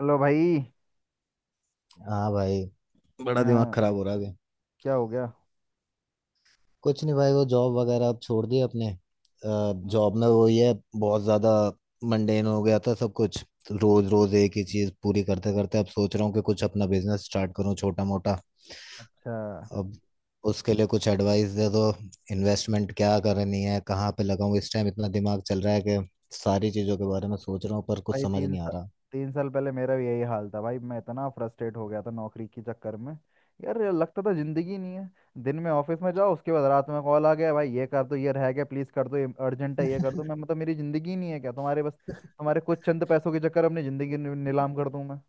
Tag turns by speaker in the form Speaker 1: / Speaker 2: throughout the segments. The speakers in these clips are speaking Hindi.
Speaker 1: हेलो भाई।
Speaker 2: हाँ भाई। बड़ा दिमाग
Speaker 1: हाँ,
Speaker 2: खराब हो रहा है अभी।
Speaker 1: क्या हो गया?
Speaker 2: कुछ नहीं भाई, वो जॉब वगैरह अब छोड़ दी अपने।
Speaker 1: हाँ।
Speaker 2: जॉब में वो ये बहुत ज्यादा मंडेन हो गया था सब कुछ। रोज रोज एक ही चीज पूरी करते करते अब सोच रहा हूँ कि कुछ अपना बिजनेस स्टार्ट करूँ छोटा मोटा।
Speaker 1: अच्छा।
Speaker 2: अब उसके लिए कुछ एडवाइस दे दो। इन्वेस्टमेंट क्या करनी है, कहाँ पे लगाऊं। इस टाइम इतना दिमाग चल रहा है कि सारी चीजों के बारे में सोच रहा हूँ पर कुछ
Speaker 1: भाई
Speaker 2: समझ नहीं आ रहा।
Speaker 1: 3 साल पहले मेरा भी यही हाल था भाई। मैं इतना फ्रस्ट्रेट हो गया था नौकरी के चक्कर में। यार, ये लगता था जिंदगी ही नहीं है। दिन में ऑफिस में जाओ, उसके बाद रात में कॉल आ गया, भाई ये कर दो, ये रह गया, प्लीज कर दो, ये अर्जेंट है, ये कर दो। मैं मतलब मेरी जिंदगी ही नहीं है क्या? तुम्हारे बस तुम्हारे कुछ चंद पैसों के चक्कर में अपनी जिंदगी नीलाम कर दूं मैं?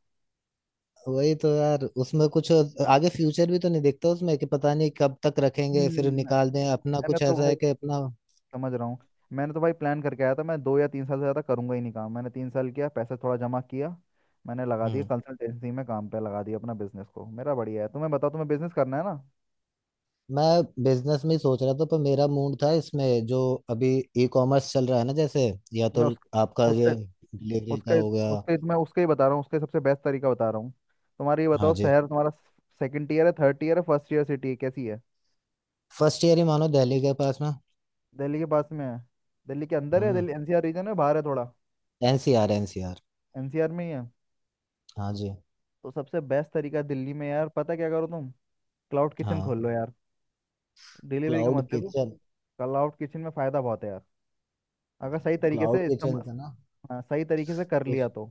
Speaker 2: वही तो यार, उसमें कुछ आगे फ्यूचर भी तो नहीं देखता उसमें, कि पता नहीं कब तक रखेंगे, फिर
Speaker 1: हम्म।
Speaker 2: निकाल दें, अपना
Speaker 1: मैंने
Speaker 2: कुछ
Speaker 1: तो
Speaker 2: ऐसा
Speaker 1: भाई
Speaker 2: है कि अपना।
Speaker 1: समझ रहा हूँ। मैंने तो भाई प्लान करके आया था, मैं 2 या 3 साल से ज़्यादा करूंगा ही नहीं काम। मैंने 3 साल किया, पैसे थोड़ा जमा किया। मैंने लगा दिया
Speaker 2: हम्म।
Speaker 1: कंसल्टेंसी में, काम पे लगा दिया अपना बिजनेस को। मेरा बढ़िया है, तुम्हें बताओ। तुम्हें बिजनेस करना है ना?
Speaker 2: मैं बिजनेस में ही सोच रहा था, पर मेरा मूड था इसमें जो अभी ई कॉमर्स चल रहा है ना, जैसे या
Speaker 1: मैं
Speaker 2: तो
Speaker 1: उस
Speaker 2: आपका
Speaker 1: उसके
Speaker 2: ये डिलीवरी का
Speaker 1: उसके
Speaker 2: हो गया।
Speaker 1: मैं उसके ही बता रहा हूँ। उसके सबसे बेस्ट तरीका बता रहा हूँ। तुम्हारा ये
Speaker 2: हाँ
Speaker 1: बताओ,
Speaker 2: जी।
Speaker 1: शहर तुम्हारा सेकंड ईयर है, थर्ड ईयर है, फर्स्ट ईयर सिटी है, कैसी है?
Speaker 2: फर्स्ट ईयर ही मानो, दिल्ली के पास में।
Speaker 1: दिल्ली के पास में है? दिल्ली के अंदर है,
Speaker 2: हम्म।
Speaker 1: दिल्ली एनसीआर रीजन है, बाहर है थोड़ा?
Speaker 2: NCR NCR.
Speaker 1: एनसीआर में ही है।
Speaker 2: हाँ जी।
Speaker 1: तो सबसे बेस्ट तरीका दिल्ली में, यार पता क्या करो तुम, क्लाउड किचन
Speaker 2: हाँ।
Speaker 1: खोल लो यार। डिलीवरी का मत
Speaker 2: क्लाउड
Speaker 1: देखो।
Speaker 2: किचन।
Speaker 1: कल आउट किचन में फायदा बहुत है यार, अगर सही तरीके से
Speaker 2: क्लाउड किचन
Speaker 1: इस्तेमाल।
Speaker 2: का ना।
Speaker 1: हाँ, सही तरीके से कर लिया
Speaker 2: उस
Speaker 1: तो।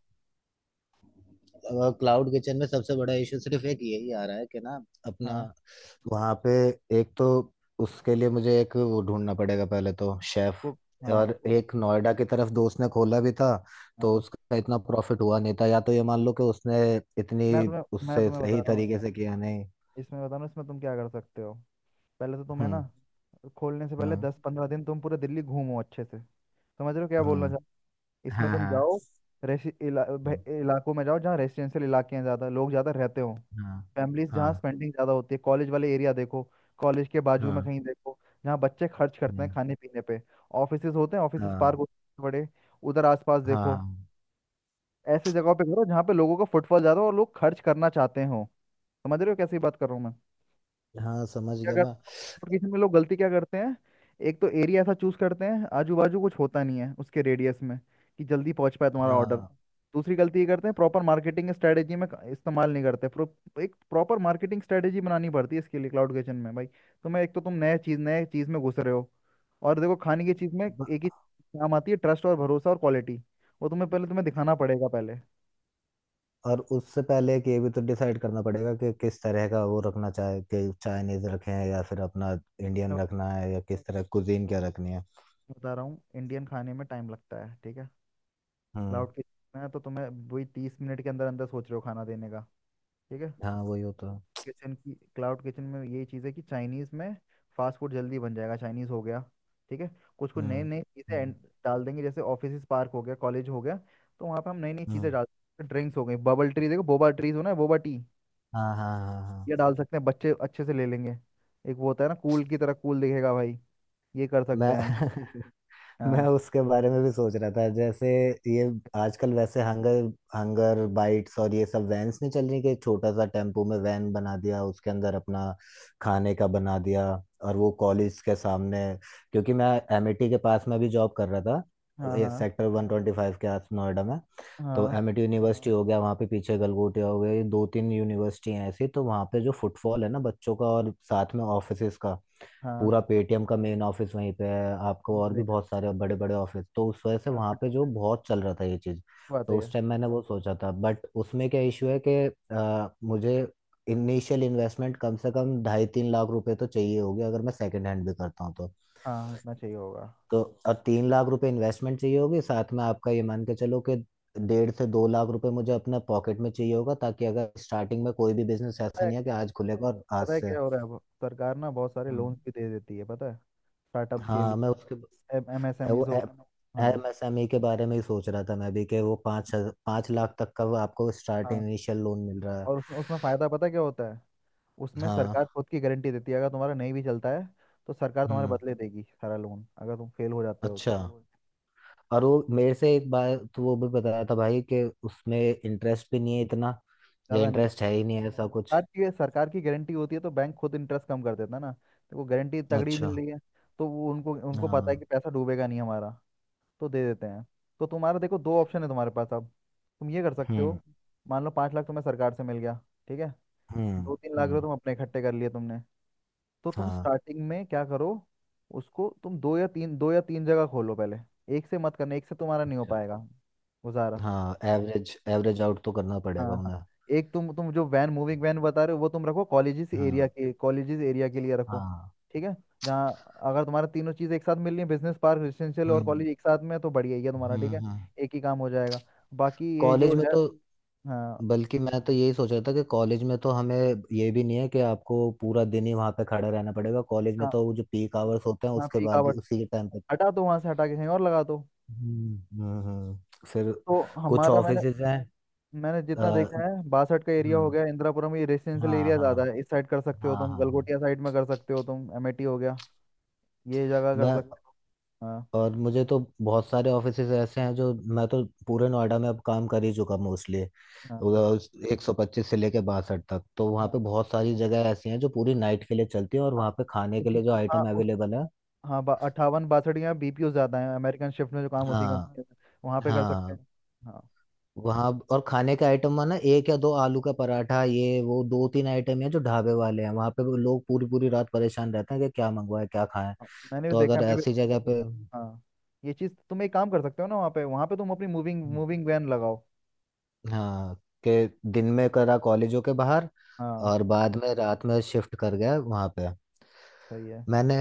Speaker 2: क्लाउड किचन में सबसे बड़ा इशू सिर्फ एक यही आ रहा है कि ना अपना,
Speaker 1: हाँ,
Speaker 2: वहाँ पे एक तो उसके लिए मुझे एक वो ढूंढना पड़ेगा, पहले तो शेफ।
Speaker 1: कुक, हाँ
Speaker 2: और एक नोएडा की तरफ दोस्त ने खोला भी था, तो
Speaker 1: हाँ।
Speaker 2: उसका इतना प्रॉफिट हुआ नहीं था। या तो ये मान लो कि उसने इतनी
Speaker 1: मैं तुम्हें मैं
Speaker 2: उससे
Speaker 1: तुम्हें बता
Speaker 2: सही
Speaker 1: रहा हूँ,
Speaker 2: तरीके से किया नहीं।
Speaker 1: इसमें तुम क्या कर सकते हो। पहले तो तुम्हें ना
Speaker 2: हम्म।
Speaker 1: खोलने से पहले
Speaker 2: हम्म।
Speaker 1: 10-15 दिन तुम पूरे दिल्ली घूमो अच्छे से। समझ रहे हो क्या बोलना
Speaker 2: हम्म।
Speaker 1: चाह? इसमें
Speaker 2: हाँ
Speaker 1: तुम
Speaker 2: हाँ
Speaker 1: जाओ, इलाकों में जाओ जहाँ रेसिडेंशियल इलाके हैं, ज़्यादा लोग ज़्यादा रहते हो।
Speaker 2: हाँ
Speaker 1: फैमिलीज जहाँ
Speaker 2: हाँ
Speaker 1: स्पेंडिंग ज़्यादा होती है, कॉलेज वाले एरिया देखो। कॉलेज के बाजू में
Speaker 2: हाँ
Speaker 1: कहीं देखो, जहाँ बच्चे खर्च करते हैं खाने पीने पे। ऑफिसेज होते हैं, ऑफिसेज पार्क
Speaker 2: हाँ
Speaker 1: होते हैं बड़े, उधर आसपास देखो।
Speaker 2: हाँ
Speaker 1: ऐसी जगहों पे करो जहाँ पे लोगों का फुटफॉल ज़्यादा हो और लोग खर्च करना चाहते हो। समझ रहे हो कैसी बात कर रहा हूँ मैं?
Speaker 2: हाँ हाँ, समझ
Speaker 1: क्या
Speaker 2: गया
Speaker 1: करते
Speaker 2: मैं।
Speaker 1: हैं, नोटिफिकेशन में लोग गलती क्या करते हैं? एक तो एरिया ऐसा चूज करते हैं, आजू बाजू कुछ होता नहीं है उसके रेडियस में, कि जल्दी पहुंच पाए तुम्हारा ऑर्डर।
Speaker 2: हाँ।
Speaker 1: दूसरी गलती ये करते हैं, प्रॉपर मार्केटिंग स्ट्रेटेजी में इस्तेमाल नहीं करते। एक प्रॉपर मार्केटिंग स्ट्रेटेजी बनानी पड़ती है इसके लिए क्लाउड किचन में भाई। तुम्हें एक तो तुम नए चीज़ में घुस रहे हो। और देखो, खाने की चीज़ में एक ही काम आती है, ट्रस्ट और भरोसा और क्वालिटी। वो तुम्हें दिखाना पड़ेगा पहले।
Speaker 2: और उससे पहले कि ये भी तो डिसाइड करना पड़ेगा कि किस तरह का वो रखना चाहे, कि चाइनीज रखें या फिर अपना
Speaker 1: मैं
Speaker 2: इंडियन रखना है, या किस तरह कुजीन क्या रखनी है।
Speaker 1: बता रहा हूँ, इंडियन खाने में टाइम लगता है, ठीक है।
Speaker 2: हम्म।
Speaker 1: क्लाउड किचन है तो तुम्हें वही 30 मिनट के अंदर अंदर सोच रहे हो खाना देने का, ठीक है।
Speaker 2: हाँ वही होता है।
Speaker 1: किचन की क्लाउड किचन में यही चीज़ है कि चाइनीज़ में फास्ट फूड जल्दी बन जाएगा, चाइनीज़ हो गया, ठीक है। कुछ कुछ नई
Speaker 2: हम्म
Speaker 1: नई चीज़ें
Speaker 2: हम्म
Speaker 1: डाल देंगे, जैसे ऑफिस पार्क हो गया, कॉलेज हो गया, तो वहाँ पे हम नई नई चीज़ें
Speaker 2: हम्म,
Speaker 1: डाल सकते हैं। ड्रिंक्स हो गई, बबल ट्री देखो, बोबा ट्रीज हो ना, बोबा टी
Speaker 2: हाँ हाँ हाँ हाँ।
Speaker 1: ये डाल सकते हैं, बच्चे अच्छे से ले लेंगे। एक वो होता है ना, कूल की तरह, कूल दिखेगा भाई। ये कर सकते
Speaker 2: मैं
Speaker 1: हैं हम।
Speaker 2: मैं
Speaker 1: हाँ।
Speaker 2: उसके बारे में भी सोच रहा था, जैसे ये आजकल वैसे हंगर, हंगर बाइट्स और ये सब वैन्स नहीं चल रही, कि छोटा सा टेम्पो में वैन बना दिया, उसके अंदर अपना खाने का बना दिया, और वो कॉलेज के सामने। क्योंकि मैं एमिटी के पास में भी जॉब कर रहा
Speaker 1: हाँ
Speaker 2: था,
Speaker 1: हाँ
Speaker 2: सेक्टर 125 के आस नोएडा में। तो
Speaker 1: हाँ
Speaker 2: एमिटी यूनिवर्सिटी हो गया, वहाँ पे पीछे गलगोटिया हो गया, ये 2-3 यूनिवर्सिटी हैं ऐसी। तो वहाँ पे जो फुटफॉल है ना बच्चों का, और साथ में ऑफिसेज का,
Speaker 1: हाँ।
Speaker 2: पूरा पेटीएम का मेन ऑफिस वहीं पे है आपको, और भी
Speaker 1: ब्रेक।
Speaker 2: बहुत सारे बड़े बड़े ऑफिस। तो उस वजह से
Speaker 1: हाँ,
Speaker 2: वहाँ
Speaker 1: फिर
Speaker 2: पे जो बहुत चल रहा था ये चीज़।
Speaker 1: तो आते
Speaker 2: तो उस
Speaker 1: हैं।
Speaker 2: टाइम मैंने वो सोचा था, बट उसमें क्या इशू है कि मुझे इनिशियल इन्वेस्टमेंट कम से कम 2.5-3 लाख रुपए तो चाहिए होगी, अगर मैं सेकंड हैंड भी करता हूँ तो।
Speaker 1: हाँ, इतना चाहिए होगा।
Speaker 2: तो और 3 लाख रुपए इन्वेस्टमेंट चाहिए होगी, साथ में आपका ये मान के चलो कि 1.5 से 2 लाख रुपए मुझे अपने पॉकेट में चाहिए होगा, ताकि अगर स्टार्टिंग में कोई भी बिजनेस
Speaker 1: पता
Speaker 2: ऐसा
Speaker 1: है,
Speaker 2: नहीं है कि आज खुलेगा और आज
Speaker 1: पता है
Speaker 2: से।
Speaker 1: क्या हो रहा है, अब सरकार ना बहुत सारे लोन्स
Speaker 2: हम्म।
Speaker 1: भी दे देती है, पता है, स्टार्टअप्स के लिए
Speaker 2: हाँ मैं उसके ए-
Speaker 1: एमएसएमई
Speaker 2: वो
Speaker 1: हो। हाँ।
Speaker 2: एमएसएमई के बारे में ही सोच रहा था मैं भी, कि वो 5 लाख तक का वो आपको स्टार्ट
Speaker 1: हाँ
Speaker 2: इनिशियल लोन मिल रहा है।
Speaker 1: और उसमें उसमें फ़ायदा पता है क्या होता है? उसमें
Speaker 2: हाँ।
Speaker 1: सरकार खुद की गारंटी देती है, अगर तुम्हारा नहीं भी चलता है तो सरकार तुम्हारे
Speaker 2: हम्म।
Speaker 1: बदले देगी सारा लोन, अगर तुम फेल हो जाते हो
Speaker 2: अच्छा।
Speaker 1: तो।
Speaker 2: और वो मेरे से एक बार तो वो भी बताया था भाई कि उसमें इंटरेस्ट भी नहीं है इतना, या
Speaker 1: ज़्यादा नहीं होता।
Speaker 2: इंटरेस्ट है ही नहीं, ऐसा कुछ।
Speaker 1: सरकार की गारंटी होती है तो बैंक खुद इंटरेस्ट कम कर देता है ना। तो वो गारंटी तगड़ी
Speaker 2: अच्छा।
Speaker 1: मिल रही है। तो वो उनको उनको पता है
Speaker 2: हाँ।
Speaker 1: कि पैसा डूबेगा नहीं हमारा, तो दे देते हैं। तो तुम्हारा देखो, दो ऑप्शन है तुम्हारे पास अब। तुम ये कर सकते हो,
Speaker 2: हम्म।
Speaker 1: मान लो 5 लाख तुम्हें सरकार से मिल गया, ठीक है।
Speaker 2: हम्म।
Speaker 1: 2-3 लाख रुपए
Speaker 2: हम्म।
Speaker 1: तुम अपने इकट्ठे कर लिए तुमने। तो तुम
Speaker 2: हाँ।
Speaker 1: स्टार्टिंग में क्या करो, उसको तुम दो या तीन जगह खोलो पहले। एक से मत करना, एक से तुम्हारा नहीं हो
Speaker 2: अच्छा।
Speaker 1: पाएगा गुजारा।
Speaker 2: हाँ एवरेज एवरेज आउट तो करना
Speaker 1: हाँ
Speaker 2: पड़ेगा
Speaker 1: हाँ।
Speaker 2: उन्हें।
Speaker 1: एक तुम जो वैन, मूविंग वैन बता रहे हो, वो तुम रखो
Speaker 2: हाँ
Speaker 1: कॉलेजेस एरिया के लिए रखो,
Speaker 2: हाँ।
Speaker 1: ठीक है। जहाँ, अगर तुम्हारा तीनों चीज़ एक साथ मिल रही है, बिजनेस पार्क, रेजिडेंशियल और
Speaker 2: हम्म।
Speaker 1: कॉलेज एक साथ में है, तो बढ़िया ही है तुम्हारा, ठीक है।
Speaker 2: हम्म।
Speaker 1: एक ही काम हो जाएगा। बाकी ये
Speaker 2: कॉलेज
Speaker 1: जो
Speaker 2: में
Speaker 1: है।
Speaker 2: तो,
Speaker 1: हाँ।
Speaker 2: बल्कि मैं तो यही सोच रहा था कि कॉलेज में तो हमें ये भी नहीं है कि आपको पूरा दिन ही वहां पे खड़े रहना पड़ेगा। कॉलेज में
Speaker 1: हाँ,
Speaker 2: तो वो जो पीक आवर्स होते हैं
Speaker 1: हाँ
Speaker 2: उसके
Speaker 1: पीक
Speaker 2: बाद,
Speaker 1: आवर्स
Speaker 2: उसी के टाइम पे।
Speaker 1: हटा दो वहाँ से, हटा के कहीं और लगा दो।
Speaker 2: हम्म। हम्म हम्म। फिर
Speaker 1: तो
Speaker 2: कुछ
Speaker 1: हमारा, मैंने
Speaker 2: ऑफिसेज हैं।
Speaker 1: मैंने
Speaker 2: अ,
Speaker 1: जितना देखा है, 62 का एरिया हो
Speaker 2: हम्म।
Speaker 1: गया, इंदिरापुरम, ये रेजिडेंशियल
Speaker 2: हाँ
Speaker 1: एरिया
Speaker 2: हाँ
Speaker 1: ज़्यादा है, इस साइड कर सकते हो
Speaker 2: हाँ
Speaker 1: तुम,
Speaker 2: हाँ। हाँ।
Speaker 1: गलगोटिया साइड में कर सकते हो तुम, अमेठी हो गया, ये जगह कर
Speaker 2: मैं,
Speaker 1: सकते हो। हाँ
Speaker 2: और मुझे तो बहुत सारे ऑफिसेज ऐसे हैं जो मैं तो पूरे नोएडा में अब काम कर ही चुका मोस्टली।
Speaker 1: हाँ
Speaker 2: 125 से लेके 62 तक, तो वहाँ
Speaker 1: हाँ।
Speaker 2: पे बहुत सारी जगह ऐसी हैं जो पूरी नाइट के लिए चलती हैं, और वहाँ पे खाने के लिए जो
Speaker 1: बीपीओ, हाँ
Speaker 2: आइटम
Speaker 1: उस
Speaker 2: अवेलेबल है।
Speaker 1: हाँ 58, 62 या बीपीओ ज़्यादा है, अमेरिकन शिफ्ट में जो काम होती है
Speaker 2: हाँ।
Speaker 1: कंपनी में, वहाँ पे कर सकते हैं।
Speaker 2: हाँ।
Speaker 1: हाँ।
Speaker 2: वहाँ और खाने का आइटम माना एक या दो आलू का पराठा, ये वो दो तीन आइटम है जो ढाबे वाले हैं वहाँ पे। वो लोग पूरी पूरी रात परेशान रहते हैं कि क्या मंगवाए क्या खाएं।
Speaker 1: हाँ, मैंने भी
Speaker 2: तो
Speaker 1: देखा
Speaker 2: अगर
Speaker 1: है, मैं भी।
Speaker 2: ऐसी जगह पे।
Speaker 1: हाँ, ये चीज़ तुम एक काम कर सकते हो ना, वहाँ पे तुम अपनी मूविंग मूविंग वैन लगाओ।
Speaker 2: हाँ, कि दिन में करा कॉलेजों के बाहर,
Speaker 1: हाँ
Speaker 2: और बाद में रात में शिफ्ट कर गया वहाँ पे।
Speaker 1: सही है।
Speaker 2: मैंने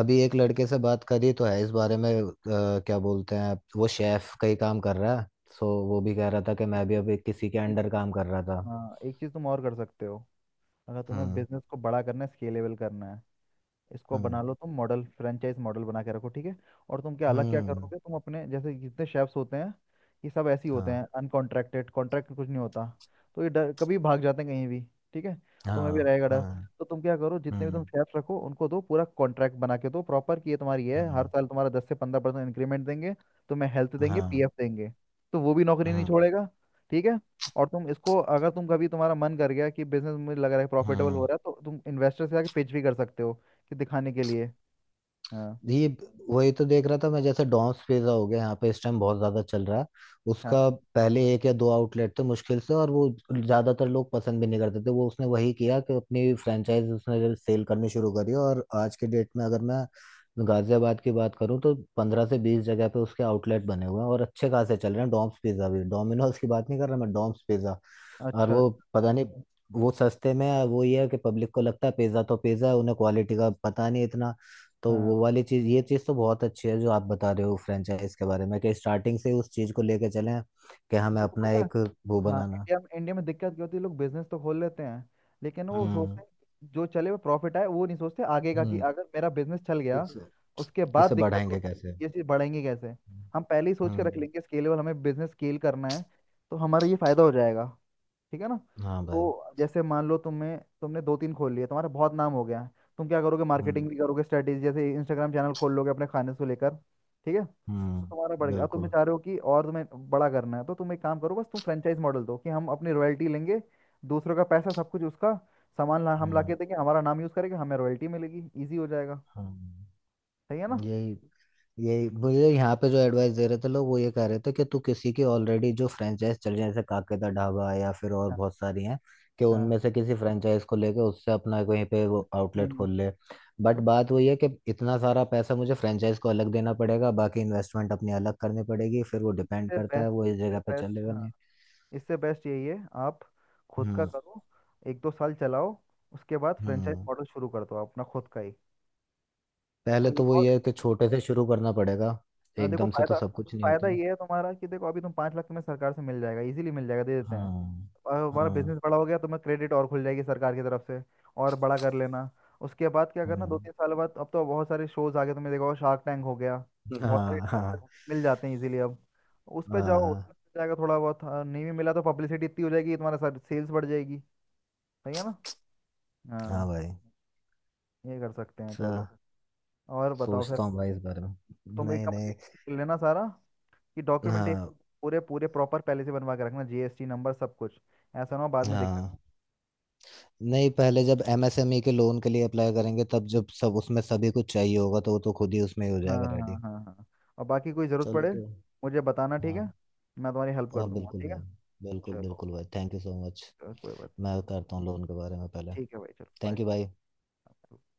Speaker 2: अभी एक लड़के से बात करी तो है इस बारे में, क्या बोलते हैं, वो शेफ का ही काम कर रहा है। सो वो भी कह रहा था कि
Speaker 1: एक
Speaker 2: मैं भी
Speaker 1: चीज़,
Speaker 2: अभी किसी के
Speaker 1: एक
Speaker 2: अंडर
Speaker 1: चीज़,
Speaker 2: काम कर रहा था।
Speaker 1: हाँ एक चीज़ तुम और कर सकते हो, अगर तुम्हें
Speaker 2: हम्म।
Speaker 1: बिजनेस को बड़ा करना है, स्केलेबल करना है। इसको
Speaker 2: हम्म।
Speaker 1: बना लो तुम मॉडल, फ्रेंचाइज मॉडल बना के रखो, ठीक है। और तुम क्या अलग क्या
Speaker 2: हम्म।
Speaker 1: करोगे, तुम अपने जैसे जितने शेफ्स होते हैं ये सब ऐसे ही होते
Speaker 2: हाँ
Speaker 1: हैं अनकॉन्ट्रैक्टेड, कॉन्ट्रैक्ट कुछ नहीं होता। तो ये डर कभी भाग जाते हैं कहीं भी, ठीक है। तुम्हें भी
Speaker 2: हाँ
Speaker 1: रहेगा डर।
Speaker 2: हाँ।
Speaker 1: तो तुम क्या करो, जितने भी तुम
Speaker 2: हम्म।
Speaker 1: शेफ्स रखो उनको दो पूरा कॉन्ट्रैक्ट बना के दो प्रॉपर, कि ये तुम्हारी है, हर
Speaker 2: हम्म।
Speaker 1: साल तुम्हारा 10 से 15% इंक्रीमेंट देंगे, तुम्हें हेल्थ देंगे,
Speaker 2: हाँ।
Speaker 1: पीएफ देंगे। तो वो भी नौकरी नहीं
Speaker 2: हम्म।
Speaker 1: छोड़ेगा, ठीक है। और तुम इसको, अगर तुम कभी तुम्हारा मन कर गया कि बिजनेस मुझे लग रहा है प्रॉफिटेबल हो
Speaker 2: हम्म।
Speaker 1: रहा है, तो तुम इन्वेस्टर से आके पिच भी कर सकते हो, कि दिखाने के लिए। हाँ
Speaker 2: ये, वही तो देख रहा था मैं, जैसे डॉम्स पिज्जा हो गया यहाँ पे इस टाइम बहुत ज्यादा चल रहा है।
Speaker 1: हाँ।
Speaker 2: उसका पहले एक या दो आउटलेट थे मुश्किल से, और वो ज्यादातर लोग पसंद भी नहीं करते थे। वो उसने वही किया कि अपनी फ्रेंचाइज उसने सेल करनी शुरू करी, और आज के डेट में अगर मैं गाजियाबाद की बात करूँ तो 15 से 20 जगह पे उसके आउटलेट बने हुए हैं, और अच्छे खासे चल रहे हैं। डॉम्स पिज्जा, भी डोमिनोज की बात नहीं कर रहा मैं, डॉम्स पिज्जा। और
Speaker 1: अच्छा।
Speaker 2: वो पता नहीं, वो सस्ते में है, वो ये है कि पब्लिक को लगता है पिज्जा तो पिज्जा है, उन्हें क्वालिटी का पता नहीं इतना। तो
Speaker 1: हाँ,
Speaker 2: वो वाली चीज, ये चीज तो बहुत अच्छी है जो आप बता रहे हो फ्रेंचाइज के बारे में, कि स्टार्टिंग से उस चीज को लेके चलें कि हमें
Speaker 1: तुमको
Speaker 2: अपना
Speaker 1: पता है,
Speaker 2: एक वो
Speaker 1: हाँ
Speaker 2: बनाना।
Speaker 1: इंडिया में दिक्कत क्या होती है, लोग बिजनेस तो खोल लेते हैं, लेकिन वो सोचते
Speaker 2: हम्म।
Speaker 1: हैं कि जो चले वो प्रॉफिट आए। वो नहीं सोचते आगे का कि
Speaker 2: हम्म।
Speaker 1: अगर मेरा बिजनेस चल गया,
Speaker 2: इसे,
Speaker 1: उसके बाद
Speaker 2: इसे
Speaker 1: दिक्कत
Speaker 2: बढ़ाएंगे कैसे।
Speaker 1: होगी, ये चीज़ बढ़ेंगी कैसे। हम पहले ही सोच के रख
Speaker 2: हम्म।
Speaker 1: लेंगे स्केलेबल, हमें बिजनेस स्केल करना है, तो हमारा ये फायदा हो जाएगा, ठीक है ना।
Speaker 2: हाँ भाई।
Speaker 1: तो जैसे मान लो तुम्हें, तुमने दो तीन खोल लिए, तुम्हारा बहुत नाम हो गया है, तुम क्या करोगे,
Speaker 2: हम्म।
Speaker 1: मार्केटिंग भी करोगे स्ट्रेटेजी, जैसे इंस्टाग्राम चैनल खोल लोगे अपने खाने से लेकर, ठीक है। तो तुम्हारा बढ़ गया, अब तुम्हें
Speaker 2: बिल्कुल।
Speaker 1: चाह रहे हो कि और तुम्हें बड़ा करना है, तो तुम एक काम करो बस, तुम फ्रेंचाइज मॉडल दो, कि हम अपनी रॉयल्टी लेंगे, दूसरों का पैसा, सब कुछ उसका, सामान ला, हम ला के
Speaker 2: हम्म।
Speaker 1: देंगे, हमारा नाम यूज करेंगे, हमें रॉयल्टी मिलेगी, इजी हो जाएगा,
Speaker 2: हम्म।
Speaker 1: सही है ना।
Speaker 2: यही, यही मुझे यहाँ पे जो एडवाइस दे रहे थे लोग वो ये कह रहे थे कि तू किसी की ऑलरेडी जो फ्रेंचाइज चल रही है, जैसे काके दा ढाबा या फिर और
Speaker 1: हाँ
Speaker 2: बहुत सारी हैं, कि
Speaker 1: हाँ।
Speaker 2: उनमें से किसी फ्रेंचाइज को लेके उससे अपना कहीं पे वो
Speaker 1: नहीं
Speaker 2: आउटलेट
Speaker 1: नहीं,
Speaker 2: खोल ले। बट
Speaker 1: तो
Speaker 2: बात वही है कि इतना सारा पैसा मुझे फ्रेंचाइज को अलग देना पड़ेगा, बाकी इन्वेस्टमेंट अपनी अलग करनी पड़ेगी, फिर वो डिपेंड
Speaker 1: इससे
Speaker 2: करता है वो
Speaker 1: बेस्ट,
Speaker 2: इस
Speaker 1: इससे
Speaker 2: जगह पे
Speaker 1: बेस्ट,
Speaker 2: चलेगा
Speaker 1: हाँ
Speaker 2: नहीं।
Speaker 1: इससे बेस्ट यही है। आप खुद का
Speaker 2: हम्म।
Speaker 1: करो, 1-2 साल चलाओ, उसके बाद फ्रेंचाइज
Speaker 2: हम्म।
Speaker 1: मॉडल शुरू कर दो अपना खुद का ही।
Speaker 2: पहले
Speaker 1: और ये
Speaker 2: तो वो
Speaker 1: बहुत,
Speaker 2: ये है कि छोटे से शुरू करना पड़ेगा,
Speaker 1: हाँ, देखो
Speaker 2: एकदम से तो
Speaker 1: फायदा,
Speaker 2: सब कुछ नहीं
Speaker 1: फायदा
Speaker 2: होता।
Speaker 1: ये है तुम्हारा कि देखो अभी तुम 5 लाख तुम्हें सरकार से मिल जाएगा इजीली, मिल जाएगा, दे देते हैं।
Speaker 2: हम्म।
Speaker 1: और हमारा
Speaker 2: हम्म।
Speaker 1: बिजनेस बड़ा हो गया, तुम्हें क्रेडिट और खुल जाएगी सरकार की तरफ से, और बड़ा कर लेना। उसके बाद क्या करना, दो
Speaker 2: हम्म।
Speaker 1: तीन साल बाद अब तो बहुत सारे शोज आ गए, तुमने देखा होगा, शार्क टैंक हो गया, बहुत सारे
Speaker 2: हाँ
Speaker 1: इन्वेस्टर
Speaker 2: हाँ
Speaker 1: मिल जाते हैं इजीली अब। उस पर जाओ, उस
Speaker 2: हाँ।
Speaker 1: पर मिल जाएगा थोड़ा बहुत, हाँ, नहीं भी मिला तो पब्लिसिटी इतनी हो जाएगी तुम्हारा, सर सेल्स बढ़ जाएगी, सही है ना।
Speaker 2: हाँ
Speaker 1: हाँ।
Speaker 2: भाई।
Speaker 1: ये कर सकते हैं,
Speaker 2: अच्छा।
Speaker 1: चलो। और बताओ फिर।
Speaker 2: सोचता हूँ भाई इस बारे में।
Speaker 1: तुम एक
Speaker 2: नहीं
Speaker 1: काम
Speaker 2: नहीं।
Speaker 1: देख लेना सारा, कि डॉक्यूमेंटेशन
Speaker 2: हाँ।
Speaker 1: पूरे पूरे प्रॉपर पहले से बनवा के रखना, जीएसटी नंबर सब कुछ, ऐसा ना हो बाद में दिक्कत।
Speaker 2: हाँ, नहीं पहले जब एमएसएमई के लोन के लिए अप्लाई करेंगे, तब जब सब उसमें सभी कुछ चाहिए होगा, तो वो तो खुद ही उसमें हो
Speaker 1: हाँ
Speaker 2: जाएगा
Speaker 1: हाँ
Speaker 2: रेडी।
Speaker 1: हाँ हाँ हाँ। और बाकी कोई ज़रूरत
Speaker 2: चलो
Speaker 1: पड़े,
Speaker 2: तो।
Speaker 1: मुझे बताना, ठीक है,
Speaker 2: हाँ।
Speaker 1: मैं तुम्हारी हेल्प
Speaker 2: हाँ
Speaker 1: कर दूंगा,
Speaker 2: बिल्कुल
Speaker 1: ठीक है।
Speaker 2: भाई। बिल्कुल
Speaker 1: चलो,
Speaker 2: बिल्कुल भाई, थैंक यू सो मच।
Speaker 1: चलो, कोई बात नहीं।
Speaker 2: मैं करता हूँ लोन के बारे में पहले।
Speaker 1: ठीक है भाई, चलो।
Speaker 2: थैंक यू भाई।
Speaker 1: बाय।